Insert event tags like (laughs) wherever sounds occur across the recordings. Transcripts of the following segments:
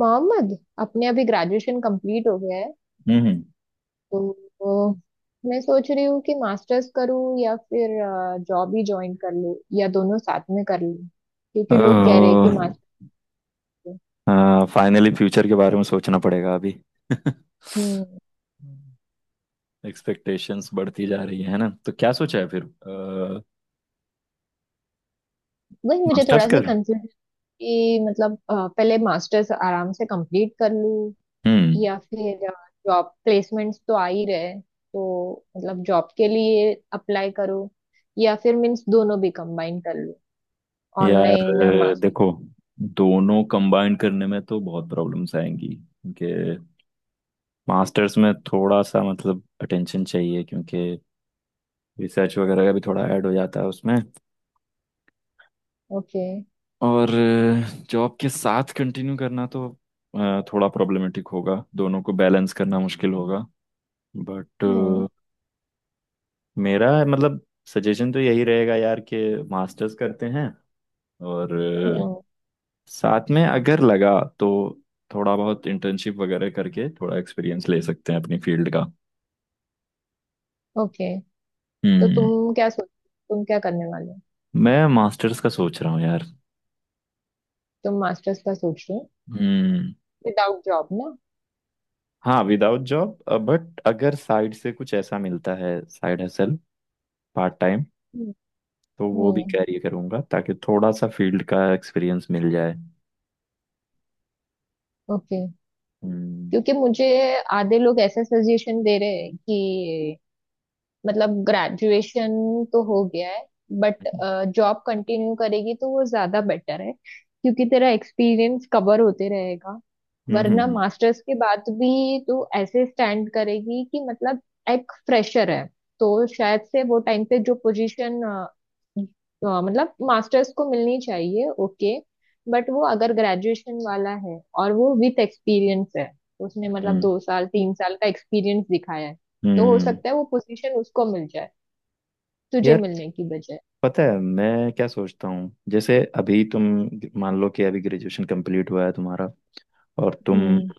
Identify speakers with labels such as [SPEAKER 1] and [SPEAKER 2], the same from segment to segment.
[SPEAKER 1] मोहम्मद। अपने अभी graduation complete हो गया है।
[SPEAKER 2] हम्म।
[SPEAKER 1] तो मैं सोच रही हूँ कि मास्टर्स करूँ या फिर जॉब ही ज्वाइन कर लूँ या दोनों साथ में कर लूँ, क्योंकि लोग कह रहे हैं कि मास्टर।
[SPEAKER 2] फाइनली फ्यूचर के बारे में सोचना पड़ेगा अभी। (laughs)
[SPEAKER 1] हम्म।
[SPEAKER 2] एक्सपेक्टेशंस बढ़ती जा रही है ना, तो क्या सोचा है फिर?
[SPEAKER 1] वही मुझे
[SPEAKER 2] मास्टर्स
[SPEAKER 1] थोड़ा सी
[SPEAKER 2] कर।
[SPEAKER 1] कंफ्यूजन कि मतलब पहले मास्टर्स आराम से कंप्लीट कर लूँ,
[SPEAKER 2] हम्म।
[SPEAKER 1] या फिर जॉब प्लेसमेंट्स तो आ ही रहे, तो मतलब जॉब के लिए अप्लाई करूँ, या फिर मीन्स दोनों भी कंबाइन कर लूँ
[SPEAKER 2] यार
[SPEAKER 1] ऑनलाइन मास्टर।
[SPEAKER 2] देखो, दोनों कंबाइन करने में तो बहुत प्रॉब्लम्स आएंगी, क्योंकि मास्टर्स में थोड़ा सा मतलब अटेंशन चाहिए, क्योंकि रिसर्च वगैरह का भी थोड़ा ऐड हो जाता है उसमें।
[SPEAKER 1] ओके।
[SPEAKER 2] और जॉब के साथ कंटिन्यू करना तो थोड़ा प्रॉब्लमेटिक होगा, दोनों को बैलेंस करना मुश्किल होगा। बट
[SPEAKER 1] हम्म।
[SPEAKER 2] मेरा मतलब सजेशन तो यही रहेगा यार कि मास्टर्स करते हैं, और
[SPEAKER 1] हम्म।
[SPEAKER 2] साथ में अगर लगा तो थोड़ा बहुत इंटर्नशिप वगैरह करके थोड़ा एक्सपीरियंस ले सकते हैं अपनी फील्ड का।
[SPEAKER 1] ओके। तो
[SPEAKER 2] हम्म।
[SPEAKER 1] तुम क्या करने वाले हो?
[SPEAKER 2] मैं मास्टर्स का सोच रहा हूँ यार।
[SPEAKER 1] तुम मास्टर्स का सोच रहे हो
[SPEAKER 2] हम्म।
[SPEAKER 1] विदाउट जॉब, ना?
[SPEAKER 2] हाँ, विदाउट जॉब। बट अगर साइड से कुछ ऐसा मिलता है, साइड हसल, पार्ट टाइम, तो वो भी
[SPEAKER 1] हम्म।
[SPEAKER 2] कैरी करूंगा, ताकि थोड़ा सा फील्ड का एक्सपीरियंस मिल जाए।
[SPEAKER 1] ओके।
[SPEAKER 2] हम्म
[SPEAKER 1] क्योंकि मुझे आधे लोग ऐसा सजेशन दे रहे हैं कि मतलब ग्रेजुएशन तो हो गया है, बट जॉब कंटिन्यू करेगी तो वो ज्यादा बेटर है, क्योंकि तेरा एक्सपीरियंस कवर होते रहेगा।
[SPEAKER 2] हम्म।
[SPEAKER 1] वरना मास्टर्स के बाद भी तू ऐसे स्टैंड करेगी कि मतलब एक फ्रेशर है, तो शायद से वो टाइम पे जो पोजीशन मतलब मास्टर्स को मिलनी चाहिए, ओके, बट वो अगर ग्रेजुएशन वाला है और वो विथ एक्सपीरियंस है, उसने मतलब
[SPEAKER 2] हम्म,
[SPEAKER 1] 2-3 साल का एक्सपीरियंस दिखाया है, तो हो
[SPEAKER 2] हम्म।
[SPEAKER 1] सकता है वो पोजीशन उसको मिल जाए, तुझे
[SPEAKER 2] यार,
[SPEAKER 1] मिलने की बजाय।
[SPEAKER 2] पता है मैं क्या सोचता हूँ? जैसे अभी तुम, मान लो कि अभी ग्रेजुएशन कंप्लीट हुआ है तुम्हारा, और तुम
[SPEAKER 1] हम्म।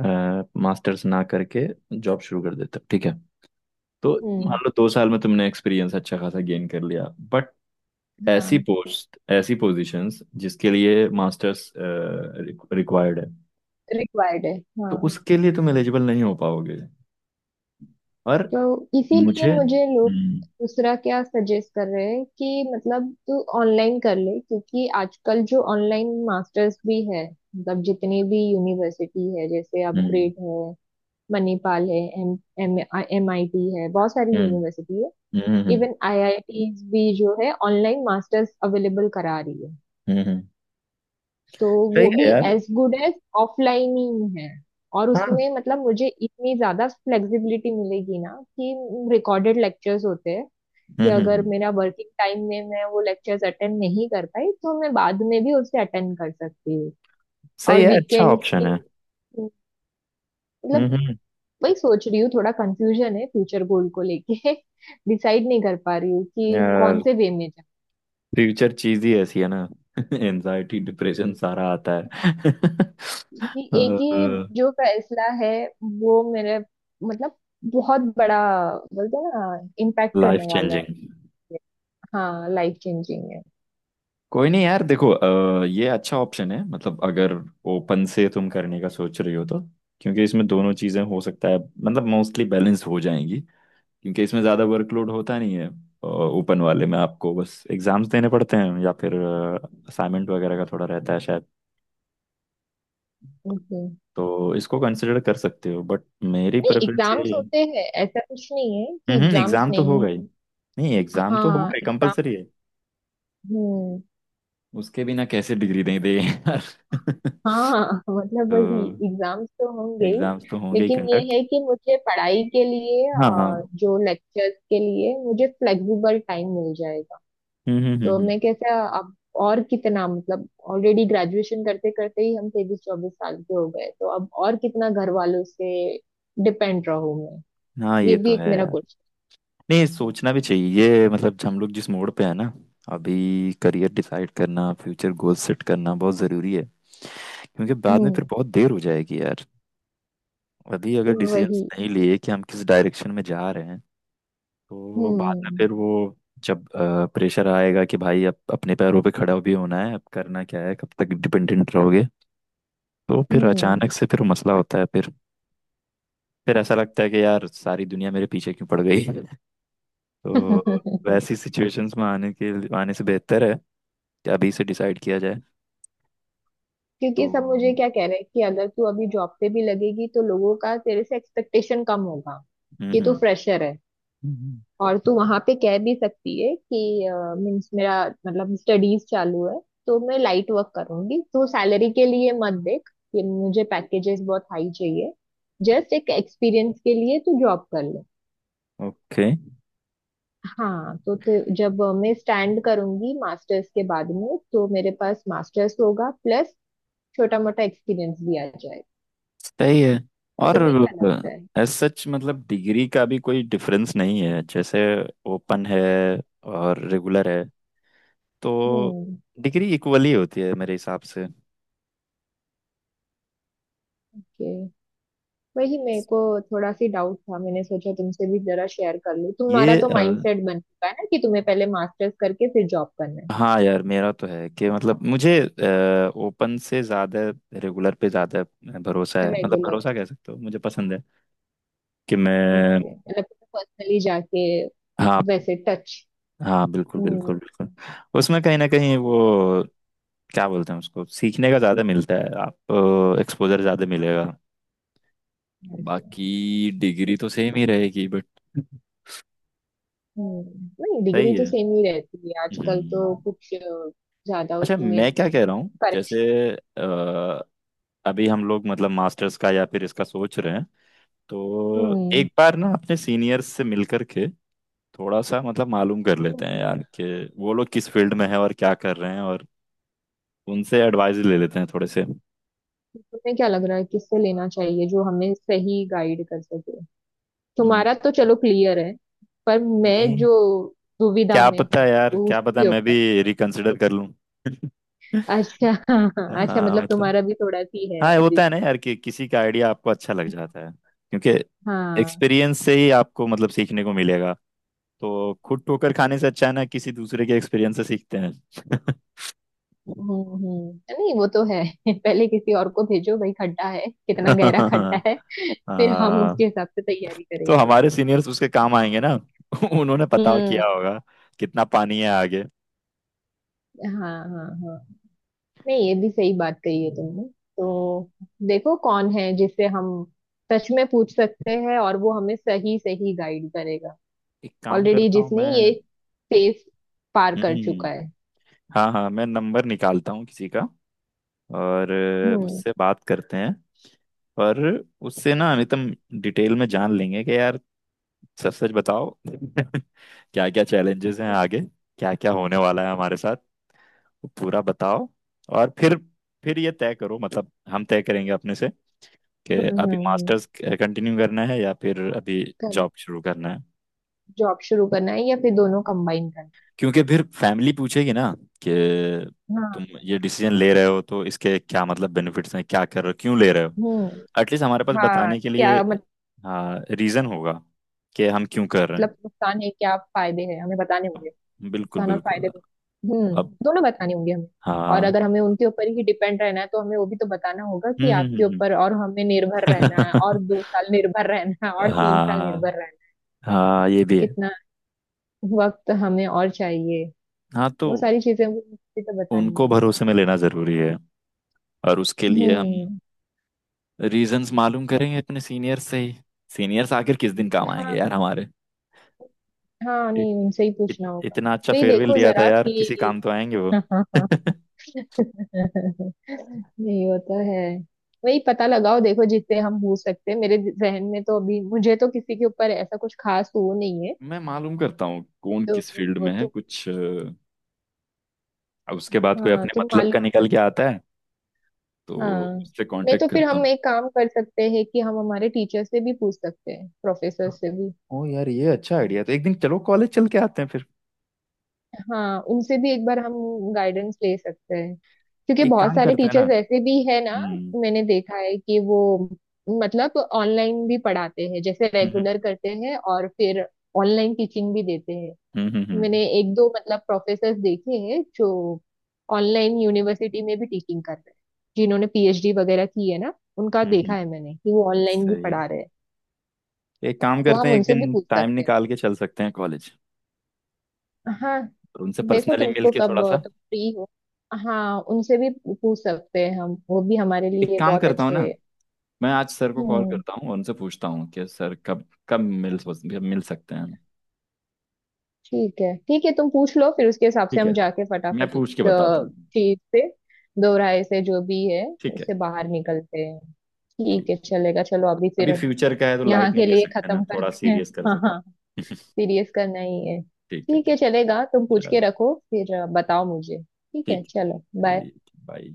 [SPEAKER 2] मास्टर्स ना करके जॉब शुरू कर देते हो, ठीक है? तो
[SPEAKER 1] हम्म।
[SPEAKER 2] मान लो दो साल में तुमने एक्सपीरियंस अच्छा खासा गेन कर लिया, बट ऐसी
[SPEAKER 1] हाँ,
[SPEAKER 2] पोस्ट, ऐसी पोजीशंस जिसके लिए मास्टर्स रिक्वायर्ड है,
[SPEAKER 1] रिक्वायर्ड है।
[SPEAKER 2] तो
[SPEAKER 1] हाँ।
[SPEAKER 2] उसके लिए तुम एलिजिबल नहीं हो पाओगे। और
[SPEAKER 1] तो इसीलिए
[SPEAKER 2] मुझे
[SPEAKER 1] मुझे लोग
[SPEAKER 2] हम्म।
[SPEAKER 1] दूसरा क्या सजेस्ट कर रहे हैं कि मतलब तू ऑनलाइन कर ले, क्योंकि आजकल जो ऑनलाइन मास्टर्स भी है, मतलब जितनी भी यूनिवर्सिटी है, जैसे
[SPEAKER 2] हम्म
[SPEAKER 1] अपग्रेड है, मणिपाल है, एम एम MIT है, बहुत सारी
[SPEAKER 2] हम्म
[SPEAKER 1] यूनिवर्सिटी है।
[SPEAKER 2] हम्म,
[SPEAKER 1] इवन IITs भी जो है, ऑनलाइन मास्टर्स अवेलेबल करा रही है।
[SPEAKER 2] हम्म, हम्म,
[SPEAKER 1] तो
[SPEAKER 2] सही
[SPEAKER 1] वो भी
[SPEAKER 2] है यार।
[SPEAKER 1] एज गुड एज ऑफलाइन ही है, और
[SPEAKER 2] हाँ।
[SPEAKER 1] उसमें मतलब मुझे इतनी ज्यादा फ्लेक्सिबिलिटी मिलेगी ना, कि रिकॉर्डेड लेक्चर्स होते हैं,
[SPEAKER 2] हम्म
[SPEAKER 1] कि
[SPEAKER 2] हम्म,
[SPEAKER 1] अगर
[SPEAKER 2] हम्म,
[SPEAKER 1] मेरा वर्किंग टाइम में मैं वो लेक्चर्स अटेंड नहीं कर पाई तो मैं बाद में भी उसे अटेंड कर सकती हूँ।
[SPEAKER 2] सही
[SPEAKER 1] और
[SPEAKER 2] है, अच्छा
[SPEAKER 1] वीकेंड
[SPEAKER 2] ऑप्शन
[SPEAKER 1] की
[SPEAKER 2] है।
[SPEAKER 1] मतलब
[SPEAKER 2] हम्म हम्म,
[SPEAKER 1] वही सोच रही हूँ, थोड़ा कंफ्यूजन है फ्यूचर गोल को लेके (laughs) डिसाइड नहीं कर पा रही हूँ कि
[SPEAKER 2] यार
[SPEAKER 1] कौन से वे में।
[SPEAKER 2] फ्यूचर चीज ही ऐसी है ना। (laughs) एनजाइटी डिप्रेशन सारा आता है।
[SPEAKER 1] ये एक ही
[SPEAKER 2] (laughs)
[SPEAKER 1] जो फैसला है, वो मेरे मतलब बहुत बड़ा, बोलते हैं ना इम्पैक्ट करने
[SPEAKER 2] लाइफ
[SPEAKER 1] वाला है।
[SPEAKER 2] चेंजिंग।
[SPEAKER 1] हाँ, लाइफ चेंजिंग है।
[SPEAKER 2] कोई नहीं यार, देखो ये अच्छा ऑप्शन है, मतलब अगर ओपन से तुम करने का सोच रही हो तो, क्योंकि इसमें दोनों चीजें हो सकता है मतलब मोस्टली बैलेंस हो जाएंगी, क्योंकि इसमें ज़्यादा वर्कलोड होता नहीं है। ओपन वाले में आपको बस एग्जाम्स देने पड़ते हैं, या फिर असाइनमेंट वगैरह का थोड़ा रहता है शायद।
[SPEAKER 1] ओके।
[SPEAKER 2] तो इसको कंसिडर कर सकते हो, बट मेरी
[SPEAKER 1] नहीं,
[SPEAKER 2] प्रेफरेंस यही
[SPEAKER 1] एग्जाम्स
[SPEAKER 2] है।
[SPEAKER 1] होते हैं, ऐसा कुछ नहीं है कि
[SPEAKER 2] हम्म,
[SPEAKER 1] एग्जाम्स
[SPEAKER 2] एग्जाम तो
[SPEAKER 1] नहीं।
[SPEAKER 2] होगा ही, नहीं एग्जाम तो होगा
[SPEAKER 1] हाँ,
[SPEAKER 2] ही,
[SPEAKER 1] एग्जाम।
[SPEAKER 2] कंपलसरी है।
[SPEAKER 1] हम्म।
[SPEAKER 2] उसके बिना कैसे डिग्री दें दे यार।
[SPEAKER 1] हाँ (laughs)
[SPEAKER 2] (laughs)
[SPEAKER 1] मतलब
[SPEAKER 2] तो
[SPEAKER 1] वही एग्जाम्स तो होंगे ही।
[SPEAKER 2] एग्जाम्स तो होंगे ही
[SPEAKER 1] लेकिन ये
[SPEAKER 2] कंडक्ट।
[SPEAKER 1] है कि मुझे पढ़ाई के लिए
[SPEAKER 2] हाँ हाँ।
[SPEAKER 1] जो लेक्चर्स के लिए मुझे फ्लेक्सिबल टाइम मिल जाएगा।
[SPEAKER 2] हम्म हम्म हम्म
[SPEAKER 1] तो
[SPEAKER 2] हम्म।
[SPEAKER 1] मैं कैसे अब और कितना मतलब ऑलरेडी ग्रेजुएशन करते करते ही हम 23-24 साल के हो गए, तो अब और कितना घर वालों से डिपेंड रहूं मैं?
[SPEAKER 2] हाँ
[SPEAKER 1] ये
[SPEAKER 2] ये तो
[SPEAKER 1] भी एक
[SPEAKER 2] है
[SPEAKER 1] मेरा
[SPEAKER 2] यार।
[SPEAKER 1] क्वेश्चन।
[SPEAKER 2] नहीं, सोचना भी चाहिए ये, मतलब हम लोग जिस मोड़ पे है ना, अभी करियर डिसाइड करना, फ्यूचर गोल सेट करना बहुत ज़रूरी है, क्योंकि बाद में फिर
[SPEAKER 1] हम्म।
[SPEAKER 2] बहुत देर हो जाएगी यार। अभी अगर
[SPEAKER 1] तो
[SPEAKER 2] डिसीजंस
[SPEAKER 1] वही।
[SPEAKER 2] नहीं लिए कि हम किस डायरेक्शन में जा रहे हैं, तो बाद में
[SPEAKER 1] हम्म।
[SPEAKER 2] फिर वो, जब प्रेशर आएगा कि भाई अब अपने पैरों पे खड़ा भी होना है, अब करना क्या है, कब तक डिपेंडेंट रहोगे, तो फिर
[SPEAKER 1] हम्म।
[SPEAKER 2] अचानक से फिर मसला होता है। फिर ऐसा लगता है कि यार सारी दुनिया मेरे पीछे क्यों पड़ गई। (laughs) तो
[SPEAKER 1] (laughs)
[SPEAKER 2] वैसी सिचुएशंस में आने से बेहतर है अभी से डिसाइड किया जाए।
[SPEAKER 1] क्योंकि
[SPEAKER 2] तो
[SPEAKER 1] सब मुझे
[SPEAKER 2] हम्म।
[SPEAKER 1] क्या कह रहे हैं कि अगर तू अभी जॉब पे भी लगेगी तो लोगों का तेरे से एक्सपेक्टेशन कम होगा, कि तू फ्रेशर है,
[SPEAKER 2] हम्म।
[SPEAKER 1] और तू वहां पे कह भी सकती है कि मीन्स मेरा मतलब स्टडीज चालू है, तो मैं लाइट वर्क करूंगी, तू सैलरी के लिए मत देख कि मुझे पैकेजेस बहुत हाई चाहिए, जस्ट एक एक्सपीरियंस के लिए तू जॉब कर ले।
[SPEAKER 2] ओके,
[SPEAKER 1] हाँ, तो जब मैं स्टैंड करूंगी मास्टर्स के बाद में, तो मेरे पास मास्टर्स होगा प्लस छोटा मोटा एक्सपीरियंस भी आ जाएगा।
[SPEAKER 2] सही है।
[SPEAKER 1] तो
[SPEAKER 2] और
[SPEAKER 1] तुम्हें क्या लगता है?
[SPEAKER 2] एज सच मतलब डिग्री का भी कोई डिफरेंस नहीं है, जैसे ओपन है और रेगुलर है, तो
[SPEAKER 1] हम्म।
[SPEAKER 2] डिग्री इक्वली होती है मेरे हिसाब से।
[SPEAKER 1] Okay. वही मेरे को थोड़ा सी डाउट था, मैंने सोचा तुमसे भी जरा शेयर कर लूं।
[SPEAKER 2] ये
[SPEAKER 1] तुम्हारा तो माइंडसेट बन चुका है ना कि तुम्हें पहले मास्टर्स करके फिर जॉब करना
[SPEAKER 2] हाँ यार, मेरा तो है कि मतलब मुझे ओपन से ज़्यादा रेगुलर पे ज़्यादा भरोसा
[SPEAKER 1] है
[SPEAKER 2] है, मतलब
[SPEAKER 1] रेगुलर।
[SPEAKER 2] भरोसा कह सकते हो, मुझे पसंद है कि मैं।
[SPEAKER 1] ओके मतलब पर्सनली जाके
[SPEAKER 2] हाँ,
[SPEAKER 1] वैसे टच।
[SPEAKER 2] हाँ बिल्कुल
[SPEAKER 1] हम्म।
[SPEAKER 2] बिल्कुल बिल्कुल। उसमें कहीं ना कहीं वो, क्या बोलते हैं उसको, सीखने का ज़्यादा मिलता है, आपको एक्सपोजर ज़्यादा मिलेगा।
[SPEAKER 1] ऐसे।
[SPEAKER 2] बाकी डिग्री तो सेम ही रहेगी, बट
[SPEAKER 1] हम्म, नहीं डिग्री
[SPEAKER 2] सही
[SPEAKER 1] तो
[SPEAKER 2] है।
[SPEAKER 1] सेम ही रहती है, आजकल तो
[SPEAKER 2] हम्म।
[SPEAKER 1] कुछ ज्यादा
[SPEAKER 2] अच्छा
[SPEAKER 1] उसमें
[SPEAKER 2] मैं क्या कह रहा हूँ, जैसे
[SPEAKER 1] करेक्शन।
[SPEAKER 2] अ, अभी हम लोग मतलब मास्टर्स का या फिर इसका सोच रहे हैं, तो
[SPEAKER 1] हम्म।
[SPEAKER 2] एक बार ना अपने सीनियर्स से मिल करके थोड़ा सा मतलब मालूम कर लेते हैं
[SPEAKER 1] हम्म।
[SPEAKER 2] यार कि वो लोग किस फील्ड में है और क्या कर रहे हैं, और उनसे एडवाइस ले लेते हैं थोड़े से।
[SPEAKER 1] तुम्हें क्या लग रहा है किससे लेना चाहिए, जो हमें सही गाइड कर सके?
[SPEAKER 2] हम्म।
[SPEAKER 1] तुम्हारा तो चलो क्लियर है, पर मैं
[SPEAKER 2] नहीं,
[SPEAKER 1] जो दुविधा
[SPEAKER 2] क्या
[SPEAKER 1] में
[SPEAKER 2] पता
[SPEAKER 1] हूँ
[SPEAKER 2] यार,
[SPEAKER 1] वो
[SPEAKER 2] क्या पता
[SPEAKER 1] उसके
[SPEAKER 2] मैं
[SPEAKER 1] ऊपर।
[SPEAKER 2] भी रिकंसिडर कर लूं। (laughs)
[SPEAKER 1] अच्छा, हाँ हाँ, अच्छा
[SPEAKER 2] हाँ
[SPEAKER 1] मतलब
[SPEAKER 2] मतलब,
[SPEAKER 1] तुम्हारा भी थोड़ा सी है
[SPEAKER 2] हाँ ये
[SPEAKER 1] अभी।
[SPEAKER 2] होता है ना यार कि किसी का आइडिया आपको अच्छा लग जाता है, क्योंकि
[SPEAKER 1] हाँ।
[SPEAKER 2] एक्सपीरियंस से ही आपको मतलब सीखने को मिलेगा, तो खुद ठोकर खाने से अच्छा है ना, किसी दूसरे के एक्सपीरियंस से सीखते हैं।
[SPEAKER 1] हम्म। हम्म, नहीं वो तो है, (laughs) पहले किसी और को भेजो भाई, खड्डा है कितना गहरा खड्डा
[SPEAKER 2] (laughs)
[SPEAKER 1] है, फिर हम उसके
[SPEAKER 2] हाँ,
[SPEAKER 1] हिसाब से तैयारी
[SPEAKER 2] तो
[SPEAKER 1] करेंगे।
[SPEAKER 2] हमारे सीनियर्स उसके काम आएंगे ना। (laughs) उन्होंने पता
[SPEAKER 1] हम्म।
[SPEAKER 2] किया होगा कितना पानी है आगे।
[SPEAKER 1] हाँ हाँ हाँ, नहीं ये भी सही बात कही है तुमने।
[SPEAKER 2] हम्म,
[SPEAKER 1] तो देखो कौन है जिसे हम सच में पूछ सकते हैं और वो हमें सही सही गाइड करेगा,
[SPEAKER 2] एक काम
[SPEAKER 1] ऑलरेडी
[SPEAKER 2] करता हूँ
[SPEAKER 1] जिसने
[SPEAKER 2] मैं।
[SPEAKER 1] ये फेस पार कर चुका
[SPEAKER 2] हम्म।
[SPEAKER 1] है।
[SPEAKER 2] हाँ हाँ, मैं नंबर निकालता हूँ किसी का, और
[SPEAKER 1] हम्म।
[SPEAKER 2] उससे बात करते हैं, और उससे ना अमितम डिटेल में जान लेंगे कि यार, सच सच बताओ। (laughs) क्या क्या चैलेंजेस हैं आगे, क्या क्या होने वाला है हमारे साथ, वो पूरा बताओ। और फिर ये तय करो, मतलब हम तय करेंगे अपने से कि
[SPEAKER 1] हम्म।
[SPEAKER 2] अभी
[SPEAKER 1] हम्म।
[SPEAKER 2] मास्टर्स कंटिन्यू करना है, या फिर अभी
[SPEAKER 1] कर
[SPEAKER 2] जॉब शुरू करना है।
[SPEAKER 1] जॉब शुरू करना है या फिर दोनों कंबाइन करना
[SPEAKER 2] क्योंकि फिर फैमिली पूछेगी ना कि
[SPEAKER 1] है? हाँ।
[SPEAKER 2] तुम ये डिसीजन ले रहे हो तो इसके क्या मतलब बेनिफिट्स हैं, क्या कर रहे हो, क्यों ले रहे हो।
[SPEAKER 1] हम्म।
[SPEAKER 2] एटलीस्ट हमारे पास
[SPEAKER 1] हाँ,
[SPEAKER 2] बताने के लिए
[SPEAKER 1] क्या?
[SPEAKER 2] हाँ रीजन होगा कि हम क्यों कर रहे
[SPEAKER 1] मतलब नुकसान है क्या, फायदे हैं हमें बताने होंगे,
[SPEAKER 2] हैं। बिल्कुल
[SPEAKER 1] नुकसान और
[SPEAKER 2] बिल्कुल।
[SPEAKER 1] फायदे दोनों। हम्म,
[SPEAKER 2] अब
[SPEAKER 1] दोनों बताने होंगे हमें। और अगर
[SPEAKER 2] हाँ।
[SPEAKER 1] हमें उनके ऊपर ही डिपेंड रहना है, तो हमें वो भी तो बताना होगा कि
[SPEAKER 2] हम्म हम्म
[SPEAKER 1] आपके
[SPEAKER 2] हम्म,
[SPEAKER 1] ऊपर और हमें निर्भर रहना है,
[SPEAKER 2] हम्म।
[SPEAKER 1] और 2 साल निर्भर रहना है
[SPEAKER 2] (laughs)
[SPEAKER 1] और 3 साल
[SPEAKER 2] हाँ,
[SPEAKER 1] निर्भर रहना है,
[SPEAKER 2] हाँ ये भी है।
[SPEAKER 1] कितना वक्त हमें और चाहिए,
[SPEAKER 2] हाँ, तो
[SPEAKER 1] वो सारी चीजें हमें तो बतानी
[SPEAKER 2] उनको
[SPEAKER 1] होगी।
[SPEAKER 2] भरोसे में लेना जरूरी है, और उसके लिए हम
[SPEAKER 1] हम्म।
[SPEAKER 2] रीजंस मालूम करेंगे अपने सीनियर से ही। सीनियर्स आखिर किस दिन काम आएंगे
[SPEAKER 1] हाँ
[SPEAKER 2] यार हमारे।
[SPEAKER 1] हाँ, नहीं उनसे ही पूछना होगा।
[SPEAKER 2] इतना अच्छा
[SPEAKER 1] वही
[SPEAKER 2] फेयरवेल
[SPEAKER 1] देखो
[SPEAKER 2] दिया था
[SPEAKER 1] जरा
[SPEAKER 2] यार, किसी
[SPEAKER 1] कि
[SPEAKER 2] काम तो आएंगे
[SPEAKER 1] (laughs)
[SPEAKER 2] वो।
[SPEAKER 1] हाँ हाँ हाँ।
[SPEAKER 2] (laughs)
[SPEAKER 1] नहीं वो तो है, वही पता लगाओ देखो जितने हम पूछ सकते हैं, मेरे जहन में तो अभी मुझे तो किसी के ऊपर ऐसा कुछ खास वो नहीं है।
[SPEAKER 2] मैं मालूम करता हूँ कौन
[SPEAKER 1] तो
[SPEAKER 2] किस फील्ड
[SPEAKER 1] वो
[SPEAKER 2] में है
[SPEAKER 1] तो
[SPEAKER 2] कुछ अब उसके बाद कोई
[SPEAKER 1] हाँ,
[SPEAKER 2] अपने
[SPEAKER 1] तुम
[SPEAKER 2] मतलब का
[SPEAKER 1] मालूम कर।
[SPEAKER 2] निकल के आता है तो
[SPEAKER 1] हाँ।
[SPEAKER 2] उससे
[SPEAKER 1] नहीं तो
[SPEAKER 2] कांटेक्ट
[SPEAKER 1] फिर
[SPEAKER 2] करता हूँ।
[SPEAKER 1] हम एक काम कर सकते हैं कि हम हमारे टीचर से भी पूछ सकते हैं, प्रोफेसर से भी।
[SPEAKER 2] ओ यार ये अच्छा आइडिया, तो एक दिन चलो कॉलेज चल के आते हैं फिर।
[SPEAKER 1] हाँ, उनसे भी एक बार हम गाइडेंस ले सकते हैं, क्योंकि
[SPEAKER 2] एक
[SPEAKER 1] बहुत
[SPEAKER 2] काम
[SPEAKER 1] सारे
[SPEAKER 2] करते हैं ना।
[SPEAKER 1] टीचर्स ऐसे भी है ना,
[SPEAKER 2] हम्म
[SPEAKER 1] मैंने देखा है कि वो मतलब ऑनलाइन भी पढ़ाते हैं, जैसे
[SPEAKER 2] हम्म
[SPEAKER 1] रेगुलर करते हैं और फिर ऑनलाइन टीचिंग भी देते हैं।
[SPEAKER 2] हम्म हम्म हम्म,
[SPEAKER 1] मैंने एक दो मतलब प्रोफेसर देखे हैं जो ऑनलाइन यूनिवर्सिटी में भी टीचिंग कर रहे हैं, जिन्होंने PhD वगैरह की है ना, उनका देखा
[SPEAKER 2] हम्म,
[SPEAKER 1] है मैंने कि वो ऑनलाइन भी
[SPEAKER 2] सही है।
[SPEAKER 1] पढ़ा रहे हैं।
[SPEAKER 2] एक काम
[SPEAKER 1] तो
[SPEAKER 2] करते
[SPEAKER 1] हम
[SPEAKER 2] हैं, एक
[SPEAKER 1] उनसे भी
[SPEAKER 2] दिन
[SPEAKER 1] पूछ
[SPEAKER 2] टाइम
[SPEAKER 1] सकते हैं।
[SPEAKER 2] निकाल के चल सकते हैं कॉलेज,
[SPEAKER 1] हाँ,
[SPEAKER 2] और उनसे
[SPEAKER 1] देखो
[SPEAKER 2] पर्सनली मिल
[SPEAKER 1] तुमको
[SPEAKER 2] के
[SPEAKER 1] कब,
[SPEAKER 2] थोड़ा सा।
[SPEAKER 1] तुम फ्री हो? हाँ उनसे भी पूछ सकते हैं हम, वो भी हमारे
[SPEAKER 2] एक
[SPEAKER 1] लिए
[SPEAKER 2] काम
[SPEAKER 1] बहुत
[SPEAKER 2] करता हूँ
[SPEAKER 1] अच्छे
[SPEAKER 2] ना,
[SPEAKER 1] हैं।
[SPEAKER 2] मैं आज सर को कॉल
[SPEAKER 1] हम्म।
[SPEAKER 2] करता हूँ और उनसे पूछता हूँ कि सर कब कब मिल सकते हैं।
[SPEAKER 1] ठीक है ठीक है, तुम पूछ लो, फिर उसके हिसाब से
[SPEAKER 2] ठीक है,
[SPEAKER 1] हम जाके
[SPEAKER 2] मैं
[SPEAKER 1] फटाफट
[SPEAKER 2] पूछ के
[SPEAKER 1] इस
[SPEAKER 2] बताता
[SPEAKER 1] अ,
[SPEAKER 2] हूँ।
[SPEAKER 1] चीज से, दो राय से जो भी है,
[SPEAKER 2] ठीक है,
[SPEAKER 1] उससे बाहर निकलते हैं।
[SPEAKER 2] ठीक।
[SPEAKER 1] ठीक है चलेगा, चलो अभी
[SPEAKER 2] अभी
[SPEAKER 1] फिर
[SPEAKER 2] फ्यूचर का है तो
[SPEAKER 1] यहाँ
[SPEAKER 2] लाइट नहीं
[SPEAKER 1] के
[SPEAKER 2] ले
[SPEAKER 1] लिए
[SPEAKER 2] सकते ना,
[SPEAKER 1] खत्म
[SPEAKER 2] थोड़ा
[SPEAKER 1] करते हैं।
[SPEAKER 2] सीरियस कर
[SPEAKER 1] हाँ
[SPEAKER 2] सकते
[SPEAKER 1] हाँ,
[SPEAKER 2] हैं।
[SPEAKER 1] सीरियस करना ही है,
[SPEAKER 2] (laughs) ठीक है,
[SPEAKER 1] ठीक
[SPEAKER 2] ठीक,
[SPEAKER 1] है चलेगा, तुम पूछ
[SPEAKER 2] चलो।
[SPEAKER 1] के रखो फिर बताओ मुझे। ठीक है
[SPEAKER 2] ठीक।
[SPEAKER 1] चलो बाय।
[SPEAKER 2] ठीक, बाय।